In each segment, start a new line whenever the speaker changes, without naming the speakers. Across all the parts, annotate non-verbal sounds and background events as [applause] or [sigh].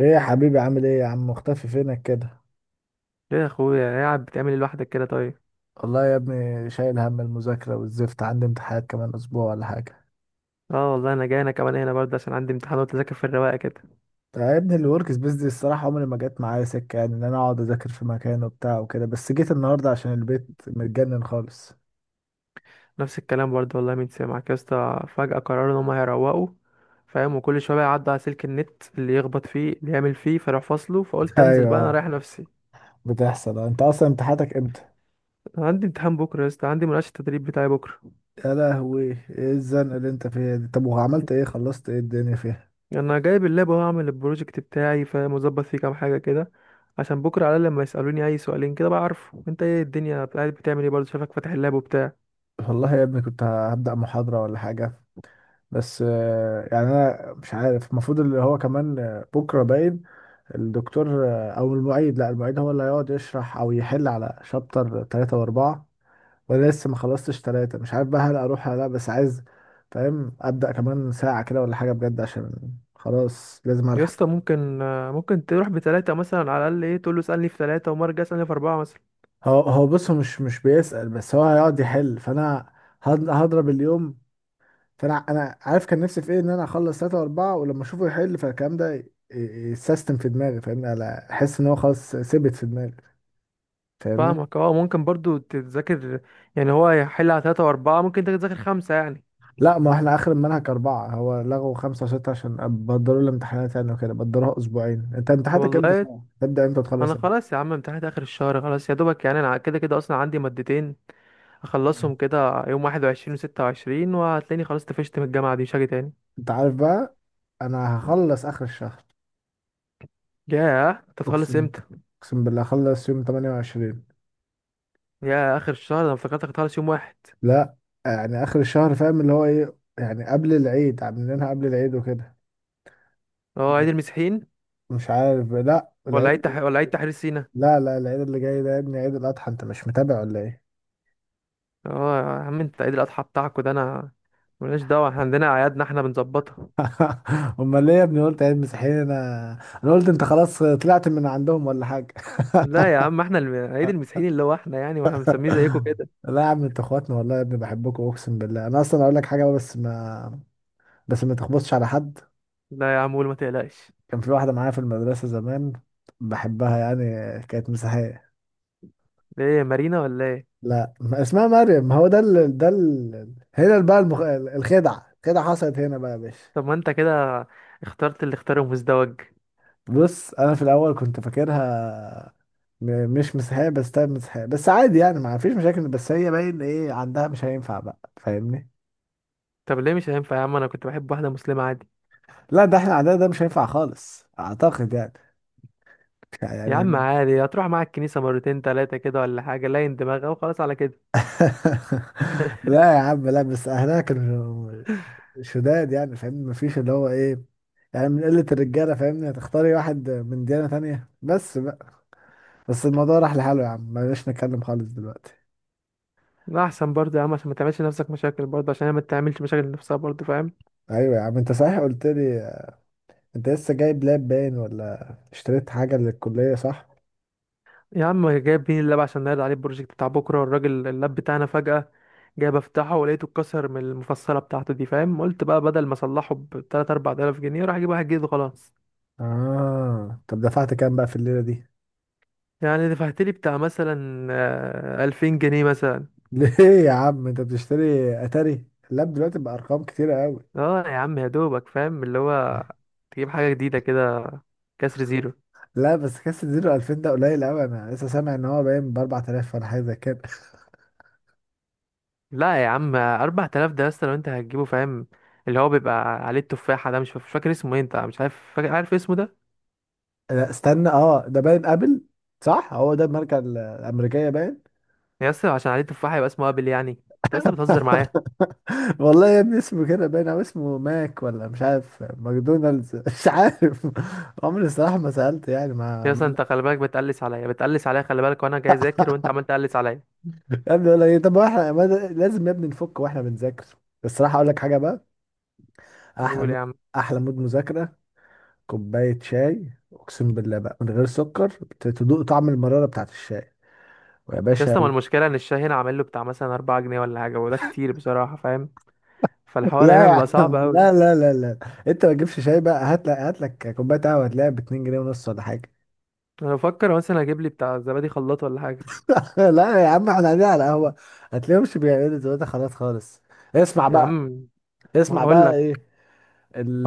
ايه يا حبيبي عامل ايه يا عم؟ مختفي فينك كده؟
ليه يا اخويا قاعد بتعمل ايه لوحدك كده؟ طيب
والله يا ابني شايل هم المذاكرة والزفت، عندي امتحانات كمان أسبوع ولا حاجة.
اه والله انا جاي، انا كمان هنا برضه عشان عندي امتحان وتذاكر في الرواقه كده.
طيب يا ابني الورك سبيس دي الصراحة عمري ما جت معايا سكة يعني ان انا اقعد اذاكر في مكان وبتاع وكده، بس جيت النهاردة عشان البيت متجنن خالص.
نفس الكلام برضه والله. مين سمعك يا اسطى؟ فجاه قرروا ان هم هيروقوا، فاهم، وكل شويه بقى يعدوا على سلك النت اللي يخبط فيه اللي يعمل فيه فراح فاصله،
[laughs]
فقلت انزل بقى انا
ايوه.
رايح نفسي.
بتحصل. انت اصلا امتحاناتك امتى؟
انا عندي امتحان بكره يا اسطى، عندي مناقشه التدريب بتاعي بكره.
يا لهوي ايه الزنقة اللي انت فيها دي؟ طب وعملت ايه، خلصت ايه الدنيا فيها؟
انا جايب اللاب اهو اعمل البروجكت بتاعي، فاهم، وظبط فيه كام حاجه كده عشان بكره على الأقل لما يسالوني اي سؤالين كده بقى عارفه. انت ايه الدنيا؟ قاعد بتعمل ايه برضه؟ شايفك فاتح اللاب وبتاع.
والله يا ابني كنت هبدأ محاضرة ولا حاجة. بس يعني أنا مش عارف المفروض اللي هو كمان، بكرة باين الدكتور، او المعيد، لا المعيد هو اللي هيقعد يشرح او يحل على شابتر ثلاثة واربعة، وانا لسه ما خلصتش ثلاثة، مش عارف بقى هل اروح ولا لا، بس عايز فاهم ابدا كمان ساعة كده ولا حاجة بجد، عشان خلاص لازم
يا
الحق.
اسطى ممكن ممكن تروح بتلاتة مثلا، على الأقل ايه تقول له اسألني في تلاتة وما ارجع اسألني في أربعة مثلا.
هو بص، هو مش بيسأل، بس هو هيقعد يحل، فانا هضرب اليوم. فانا عارف كان نفسي في ايه، ان انا اخلص ثلاثة واربعة، ولما اشوفه يحل فالكلام ده يتسيستم في دماغي فاهمني، انا احس ان هو خلاص ثبت في دماغي. فاهمني.
فاهمك اه، ممكن برضو تذاكر، يعني هو هيحل على تلاتة وأربعة، ممكن انت تذاكر خمسة يعني.
لا، ما احنا اخر المنهج اربعة، هو لغوا خمسة وستة عشان بدلوا الامتحانات يعني، وكده بدلوها اسبوعين. انت امتحاناتك امتى
والله
صح؟ تبدأ امتى وتخلص
أنا
امتى؟
خلاص يا عم، امتحانات آخر الشهر خلاص يا دوبك، يعني أنا كده كده أصلا عندي مادتين أخلصهم كده يوم واحد وعشرين وستة وعشرين، وهتلاقيني خلاص طفشت من الجامعة دي، مش هاجي تاني.
انت عارف بقى، انا هخلص اخر الشهر.
ياه، انت هتخلص
اقسم،
امتى؟
اقسم بالله هخلص يوم 28.
ياه، آخر الشهر! أنا افتكرتك هتخلص يوم واحد.
لا، يعني اخر الشهر فاهم اللي هو ايه، يعني قبل العيد عاملينها، قبل العيد وكده.
اه، عيد المسيحيين.
مش عارف، لا العيد.
ولا عيد تحرير سينا؟
لا لا، العيد اللي جاي ده يا ابني عيد الاضحى، انت مش متابع ولا ايه؟
اه يا عم، انت عيد الاضحى بتاعكوا ده انا ملناش دعوه، احنا عندنا اعيادنا احنا بنظبطها.
[laughs] امال ليه يا ابني قلت عيد مسيحيين؟ انا قلت انت خلاص طلعت من عندهم ولا حاجه.
لا يا عم، احنا عيد المسيحيين اللي هو احنا يعني، واحنا بنسميه زيكم كده.
[laughs] لا يا عم انتوا اخواتنا، والله يا ابني بحبكم اقسم بالله، انا اصلا اقول لك حاجه بس ما تخبطش على حد.
لا يا عم قول، ما تقلقش.
كان في واحده معايا في المدرسه زمان، بحبها يعني، كانت مسيحيه.
ليه، مارينا ولا ايه؟
لا، ما اسمها مريم، ما هو ده هنا بقى الخدعه، حصلت هنا بقى يا باشا.
طب ما انت كده اخترت اللي اختاره مزدوج.
بص، انا في الاول كنت فاكرها مش مسيحيه، بس طيب مسيحيه بس عادي يعني، ما فيش مشاكل، بس هي باين ايه عندها، مش هينفع بقى فاهمني.
طب ليه مش هينفع يا عم؟ انا كنت بحب واحده مسلمه عادي.
لا، ده احنا عندنا ده مش هينفع خالص اعتقد يعني.
يا عم
يعني.
عادي، هتروح معاك الكنيسه مرتين تلاتة كده ولا حاجه، لين دماغها وخلاص على كده.
[laughs]
[laughs]
لا يا عم، لا بس اهلها كانوا شداد يعني فاهمني، ما فيش اللي هو ايه، يعني من قله الرجاله فاهمني هتختاري واحد من ديانه تانية بس بقى. بس الموضوع راح لحاله يا عم، بلاش نتكلم خالص دلوقتي.
لا احسن برضه يا عم، عشان ما تعملش نفسك مشاكل برضه، عشان هي ما تعملش مشاكل لنفسها برضه، فاهم.
ايوه يا عم انت صحيح، قلت لي انت لسه جايب لاب باين ولا اشتريت حاجة للكلية صح؟
يا عم جايب، مين اللاب عشان نعرض عليه البروجكت بتاع بكرة، والراجل اللاب بتاعنا فجأة جايب افتحه ولقيته اتكسر من المفصلة بتاعته دي، فاهم، قلت بقى بدل ما اصلحه ب 3 4000 جنيه راح اجيب واحد جديد وخلاص.
اه، طب دفعت كام بقى في الليلة دي؟
يعني دفعت لي بتاع مثلا 2000 جنيه مثلا.
[laughs] ليه يا عم، انت بتشتري اتاري؟ اللاب دلوقتي بأرقام كتيرة قوي.
اه يا عم، يا دوبك فاهم اللي هو تجيب حاجة جديدة كده، كسر زيرو.
لا بس كاس الزيرو 2000 ده قليل قوي، انا لسه سامع ان هو باين ب 4000 ولا حاجة زي كده.
لا يا عم، 4000 ده لسه لو انت هتجيبه، فاهم، اللي هو بيبقى عليه التفاحة ده مش فاكر اسمه ايه، انت مش عارف فاكر؟ عارف اسمه ده؟
[laughs] لا استنى، اه ده باين ابل صح؟ هو ده الماركة الأمريكية باين؟
يا اسطى عشان عليه تفاحة يبقى اسمه ابل يعني؟ انت لسه بتهزر معايا.
[laughs] والله يا ابني اسمه كده باين، او اسمه ماك، ولا مش عارف ماكدونالدز [laughs] مش عارف، عمري الصراحة ما سألت يعني،
يا اسطى
ما.
انت خلي بالك بتقلس عليا، بتقلس عليا خلي بالك، وانا جاي اذاكر وانت عمال تقلس عليا.
يا ابني ولا ايه؟ طب احنا ما ده- لازم يا ابني نفك واحنا بنذاكر. الصراحه اقول لك حاجه بقى، احلى
قول يا عم.
احلى مود مذاكره، كوبايه شاي اقسم بالله بقى من غير سكر، تدوق طعم المراره بتاعت الشاي، ويا
يا
باشا
اسطى، ما
و-.
المشكله ان الشاي هنا عامل له بتاع مثلا 4 جنيه ولا حاجه، وده كتير بصراحه، فاهم، فالحوار
لا
هنا بيبقى
يا
صعب
عم،
قوي.
لا لا لا لا، انت ما تجيبش شاي بقى، هات لك كوبايه قهوه هتلاقيها ب 2 جنيه ونص ولا حاجه.
انا بفكر مثلا اجيب لي بتاع زبادي خلاط ولا حاجه.
[laughs] لا يا عم احنا قاعدين على قهوه، هتلاقيهمش بيعملوا دلوقتي خلاص خالص. اسمع
يا
بقى،
عم، ما
اسمع
هقول
بقى
لك
ايه.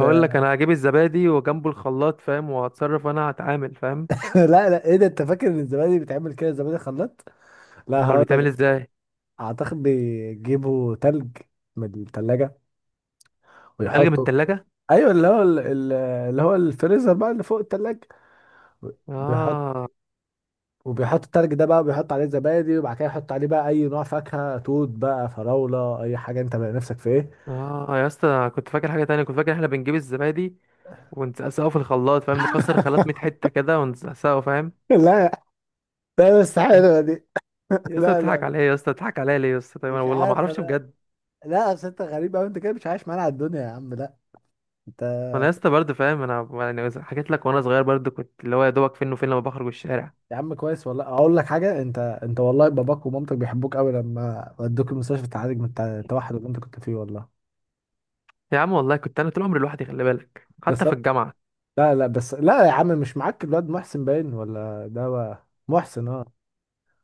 هقول لك انا هجيب الزبادي وجنبه الخلاط، فاهم، وهتصرف وانا هتعامل، فاهم.
[laughs] لا لا، ايه ده، انت فاكر ان الزبادي بيتعمل كده؟ الزبادي خلاط؟ لا
امال
هقول
بيتعمل
لك.
ازاي؟
اعتقد بيجيبوا تلج من التلاجة
تلج من
ويحطوا.
التلاجة؟
ايوه اللي هو اللي هو الفريزر بقى اللي فوق التلاجة، بيحط،
اه.
وبيحط التلج ده بقى، بيحط عليه زبادي، وبعد كده يحط عليه بقى اي نوع فاكهة، توت بقى، فراولة، اي حاجة انت بقى نفسك في ايه.
اه يا اسطى، أنا كنت فاكر حاجه تانية، كنت فاكر احنا بنجيب الزبادي ونسقسقه في الخلاط، فاهم، نكسر خلاط 100
[laughs]
حته كده ونسقسقه، فاهم.
لا لا، بس حلوة دي. [laughs]
يا اسطى
لا لا
تضحك
لا،
عليا، يا اسطى تضحك عليا ليه يا اسطى؟ طيب انا
مش
والله ما
عارف
اعرفش
انا.
بجد.
لا، اصل انت غريب قوي، انت كده مش عايش معانا على الدنيا يا عم، لا انت.
انا يا اسطى برضه فاهم، انا يعني حكيت لك، وانا صغير برضه كنت اللي هو يا دوبك فين وفين لما بخرج الشارع.
يا عم كويس والله، اقول لك حاجه انت، انت والله باباك ومامتك بيحبوك قوي، لما ودوك المستشفى تعالج من التوحد اللي انت كنت فيه والله.
يا عم والله كنت انا طول عمري لوحدي، خلي بالك، حتى
بس.
في الجامعه.
لا لا، بس لا يا عم مش معاك الواد محسن باين، ولا ده محسن اه،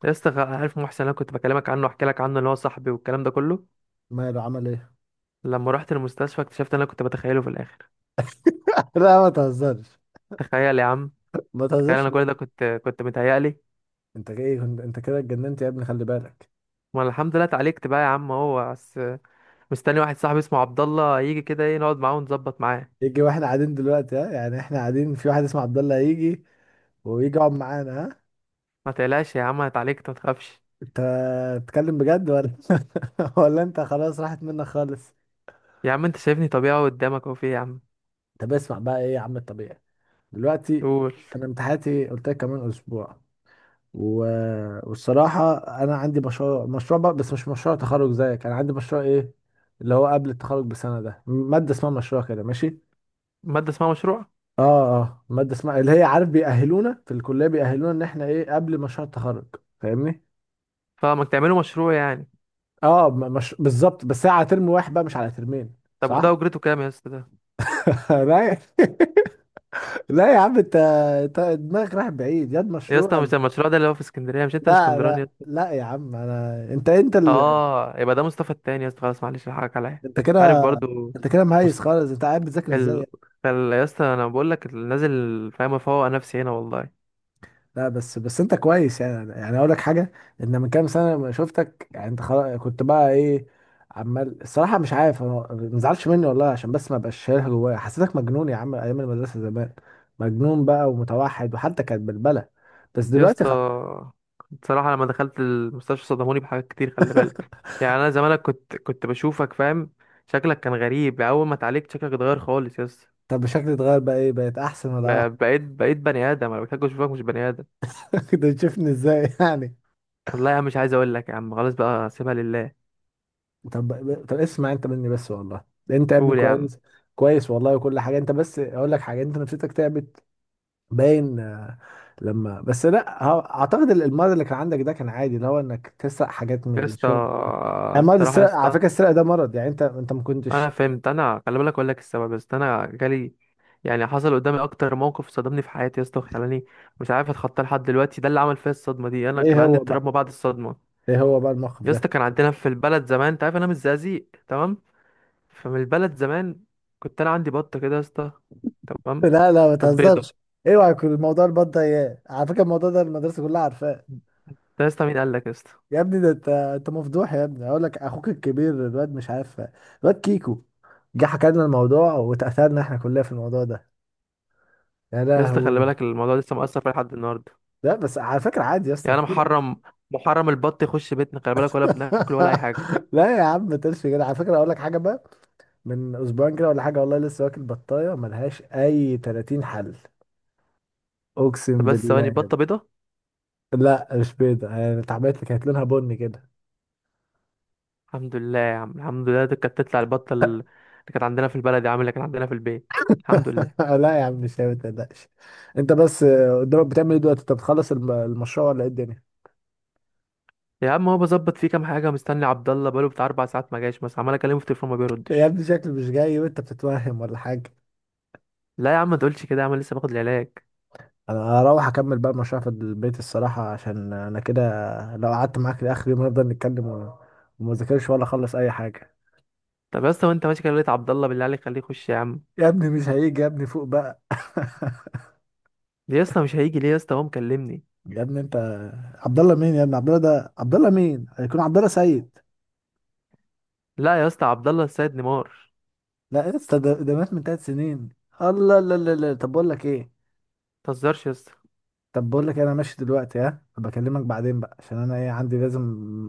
يا اسطى، عارف محسن اللي انا كنت بكلمك عنه واحكي لك عنه، اللي هو صاحبي والكلام ده كله؟
ماله عمل ايه؟
لما رحت المستشفى اكتشفت اللي انا كنت بتخيله في الاخر.
[laughs] لا ما تهزرش.
تخيل يا عم،
ما
تخيل،
تهزرش
انا كل ده
بجد.
كنت متهيألي.
انت ايه انت كده اتجننت يا ابني خلي بالك.
ما الحمد لله اتعالجت بقى يا عم، هو بس مستني واحد صاحبي اسمه عبد الله يجي كده ايه، نقعد معاه ونظبط معاه.
يجي واحنا قاعدين دلوقتي، ها؟ يعني احنا قاعدين في واحد اسمه عبد الله يجي، ويجي يقعد معانا، ها؟
ما تقلقش يا عم انا اتعالجت، ما تخافش.
انت بتتكلم بجد ولا [laughs] ولا انت خلاص راحت منك خالص؟
يا عم انت شايفني طبيعي قدامك اهو، في إيه يا عم؟
طب اسمع بقى، ايه يا عم الطبيعي دلوقتي؟
قول.
انا امتحاناتي قلت لك كمان اسبوع، و... والصراحه انا عندي مشروع، مشروع بقى، بس مش مشروع تخرج زيك، انا عندي مشروع ايه اللي هو قبل التخرج بسنه، ده ماده اسمها مشروع كده ماشي.
مادة اسمها مشروع؟
اه. اه ماده اسمها اللي هي عارف، بيأهلونا في الكليه، بيأهلونا ان احنا ايه قبل مشروع التخرج. فاهمني.
فما تعملوا مشروع يعني؟
اه، مش بالظبط، بس هي على ترم واحد بقى مش على ترمين.
طب وده
صح.
اجرته كام يا اسطى ده؟
[laughs] لا يا-. [laughs] لا يا عم انت، انت دماغك رايح بعيد ياد
يا
مشروع.
اسطى، مش المشروع ده اللي هو في اسكندريه؟ مش انت من
لا
اسكندراني يا
لا
اسطى؟
لا يا عم انا، انت انت ال...
اه، يبقى ده مصطفى التاني يا اسطى، خلاص، معلش الحقك عليا،
انت كده،
أنت عارف برضو.
انت كده مهيس
مست...
خالص، انت قاعد بتذاكر ازاي
ال...
يعني؟
يا اسطى انا بقول لك نازل، فاهم، افوق نفسي هنا والله.
لا بس انت كويس يعني، يعني اقول لك حاجه، ان من كام سنه لما شفتك يعني انت خلاص كنت بقى ايه، عمال الصراحه مش عارف ما تزعلش مني والله، عشان بس ما بقاش شايلها جوايا، حسيتك مجنون يا عم ايام المدرسه زمان، مجنون بقى ومتوحد وحتى كانت بلبله، بس
يا
دلوقتي
اسطى،
خ...
بصراحة لما دخلت المستشفى صدموني بحاجات كتير، خلي بالك،
[laughs]
يعني أنا زمانك كنت بشوفك، فاهم، شكلك كان غريب. أول ما اتعالجت شكلك اتغير خالص يا اسطى،
طب شكلي اتغير بقى ايه، بقيت احسن ولا اوحش؟
بقيت بني آدم. أنا بحتاج أشوفك مش بني آدم.
[laughs] كنت تشوفني ازاي يعني؟
والله يا عم، مش عايز أقول لك يا عم، خلاص بقى سيبها لله.
طب طب اسمع انت مني بس والله، انت يا ابني
قول يا عم.
كويس، كويس والله وكل حاجه، انت بس اقول لك حاجه، انت نفسيتك تعبت باين. لما بس، لا اعتقد المرض اللي كان عندك ده كان عادي، اللي هو انك تسرق حاجات من
يا اسطى،
الشنط ده، يعني مرض
الصراحة يا
السرقه، على
اسطى،
فكره السرقه ده مرض يعني، انت ما
أنا
كنتش.
فهمت، أنا خلي بالك أقول لك السبب، بس أنا جالي يعني، حصل قدامي أكتر موقف صدمني في حياتي يا اسطى، وخلاني مش عارف أتخطاه لحد دلوقتي. ده اللي عمل فيا الصدمة دي، أنا كان
ايه
عندي
هو
اضطراب
بقى،
ما بعد الصدمة.
ايه هو بقى الموقف
يا اسطى،
ده؟
كان عندنا في البلد زمان، انت عارف انا من الزقازيق، تمام؟ فمن البلد زمان كنت انا عندي بطه كده يا اسطى،
[laughs]
تمام؟
لا لا ما
كانت بيضه.
تهزرش. اوعى يكون الموضوع البط ده اياه، على فكره الموضوع ده المدرسه كلها عارفاه،
ده يا اسطى، مين قال لك يا اسطى؟
يا ابني ده انت مفضوح يا ابني، اقول لك اخوك الكبير الواد مش عارف، الواد كيكو جه حكى لنا الموضوع، واتأثرنا احنا كلنا في الموضوع ده. يا
يا اسطى، خلي
لهوي.
بالك الموضوع لسه مأثر فيا لحد النهارده.
لا بس على فكرة عادي يا
يعني
اسطى
انا
كتير.
محرم، محرم البط يخش بيتنا، خلي بالك، ولا بناكل ولا اي حاجه.
[laughs] لا يا عم ما تقولش كده، على فكرة اقول لك حاجة بقى، من اسبوعين كده ولا حاجة والله لسه واكل بطاية ملهاش اي 30 حل.
طب
اقسم
بس ثواني،
بالله.
بطه بيضه؟
لا مش بيضة، يعني اتعملت لي كانت لونها بني كده.
الحمد لله يا عم، الحمد لله، دي كانت تطلع البطه اللي كانت عندنا في البلد يا عم، اللي كانت عندنا في البيت، الحمد
[laughs]
لله.
لا يا عم مش هي، ما تقلقش. انت بس قدامك بتعمل ايه دلوقتي؟ انت بتخلص المشروع ولا ايه الدنيا؟
يا عم، هو بظبط فيه كام حاجه، مستني عبد الله بقاله بتاع اربع ساعات ما جاش مثلا، عمال اكلمه في التليفون ما
يا
بيردش.
ابني شكلي مش جاي وانت بتتوهم ولا حاجة.
لا يا عم ما تقولش كده، يا عم لسه باخد العلاج.
انا هروح اكمل بقى المشروع في البيت الصراحة، عشان انا كده لو قعدت معاك لاخر يوم هنفضل نتكلم و-، وما ذاكرش ولا اخلص اي حاجة.
طب يا اسطى، وانت ماشي كده لقيت عبد الله، بالله عليك خليه يخش يا عم.
يا ابني مش هيجي، يا ابني فوق بقى. [laughs]
ليه يا اسطى مش هيجي؟ ليه يا اسطى؟ هو مكلمني.
يا ابني انت، عبد الله مين يا ابني؟ عبد الله ده عبد الله مين، هيكون عبد الله سيد.
لا يا اسطى، عبد الله السيد نيمار.
لا يا اسطى، ده مات من ثلاث سنين. الله. لا لا لا
ما تهزرش يا اسطى.
طب بقول لك إيه، انا ماشي دلوقتي، ها بكلمك بعدين بقى، عشان انا ايه عندي، لازم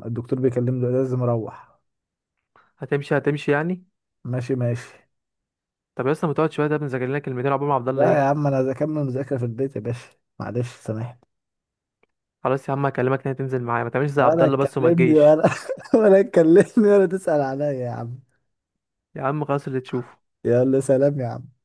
الدكتور بيكلمني لازم اروح.
هتمشي؟ هتمشي يعني؟
ماشي ماشي.
طب يا اسطى ما تقعد شويه، ده بنذاكر لنا كلمتين عقبال ما عبد الله
لا يا
يجي.
عم انا اكمل مذاكره في البيت يا باشا، معلش سامحني.
خلاص يا عم هكلمك، انها تنزل معايا، ما تعملش زي عبد
ولا
الله بس وما
تكلمني
تجيش.
ولا [laughs] ولا تكلمني ولا تسأل عليا يا عم.
يا عم خلاص، اللي تشوفه.
يلا سلام يا عم.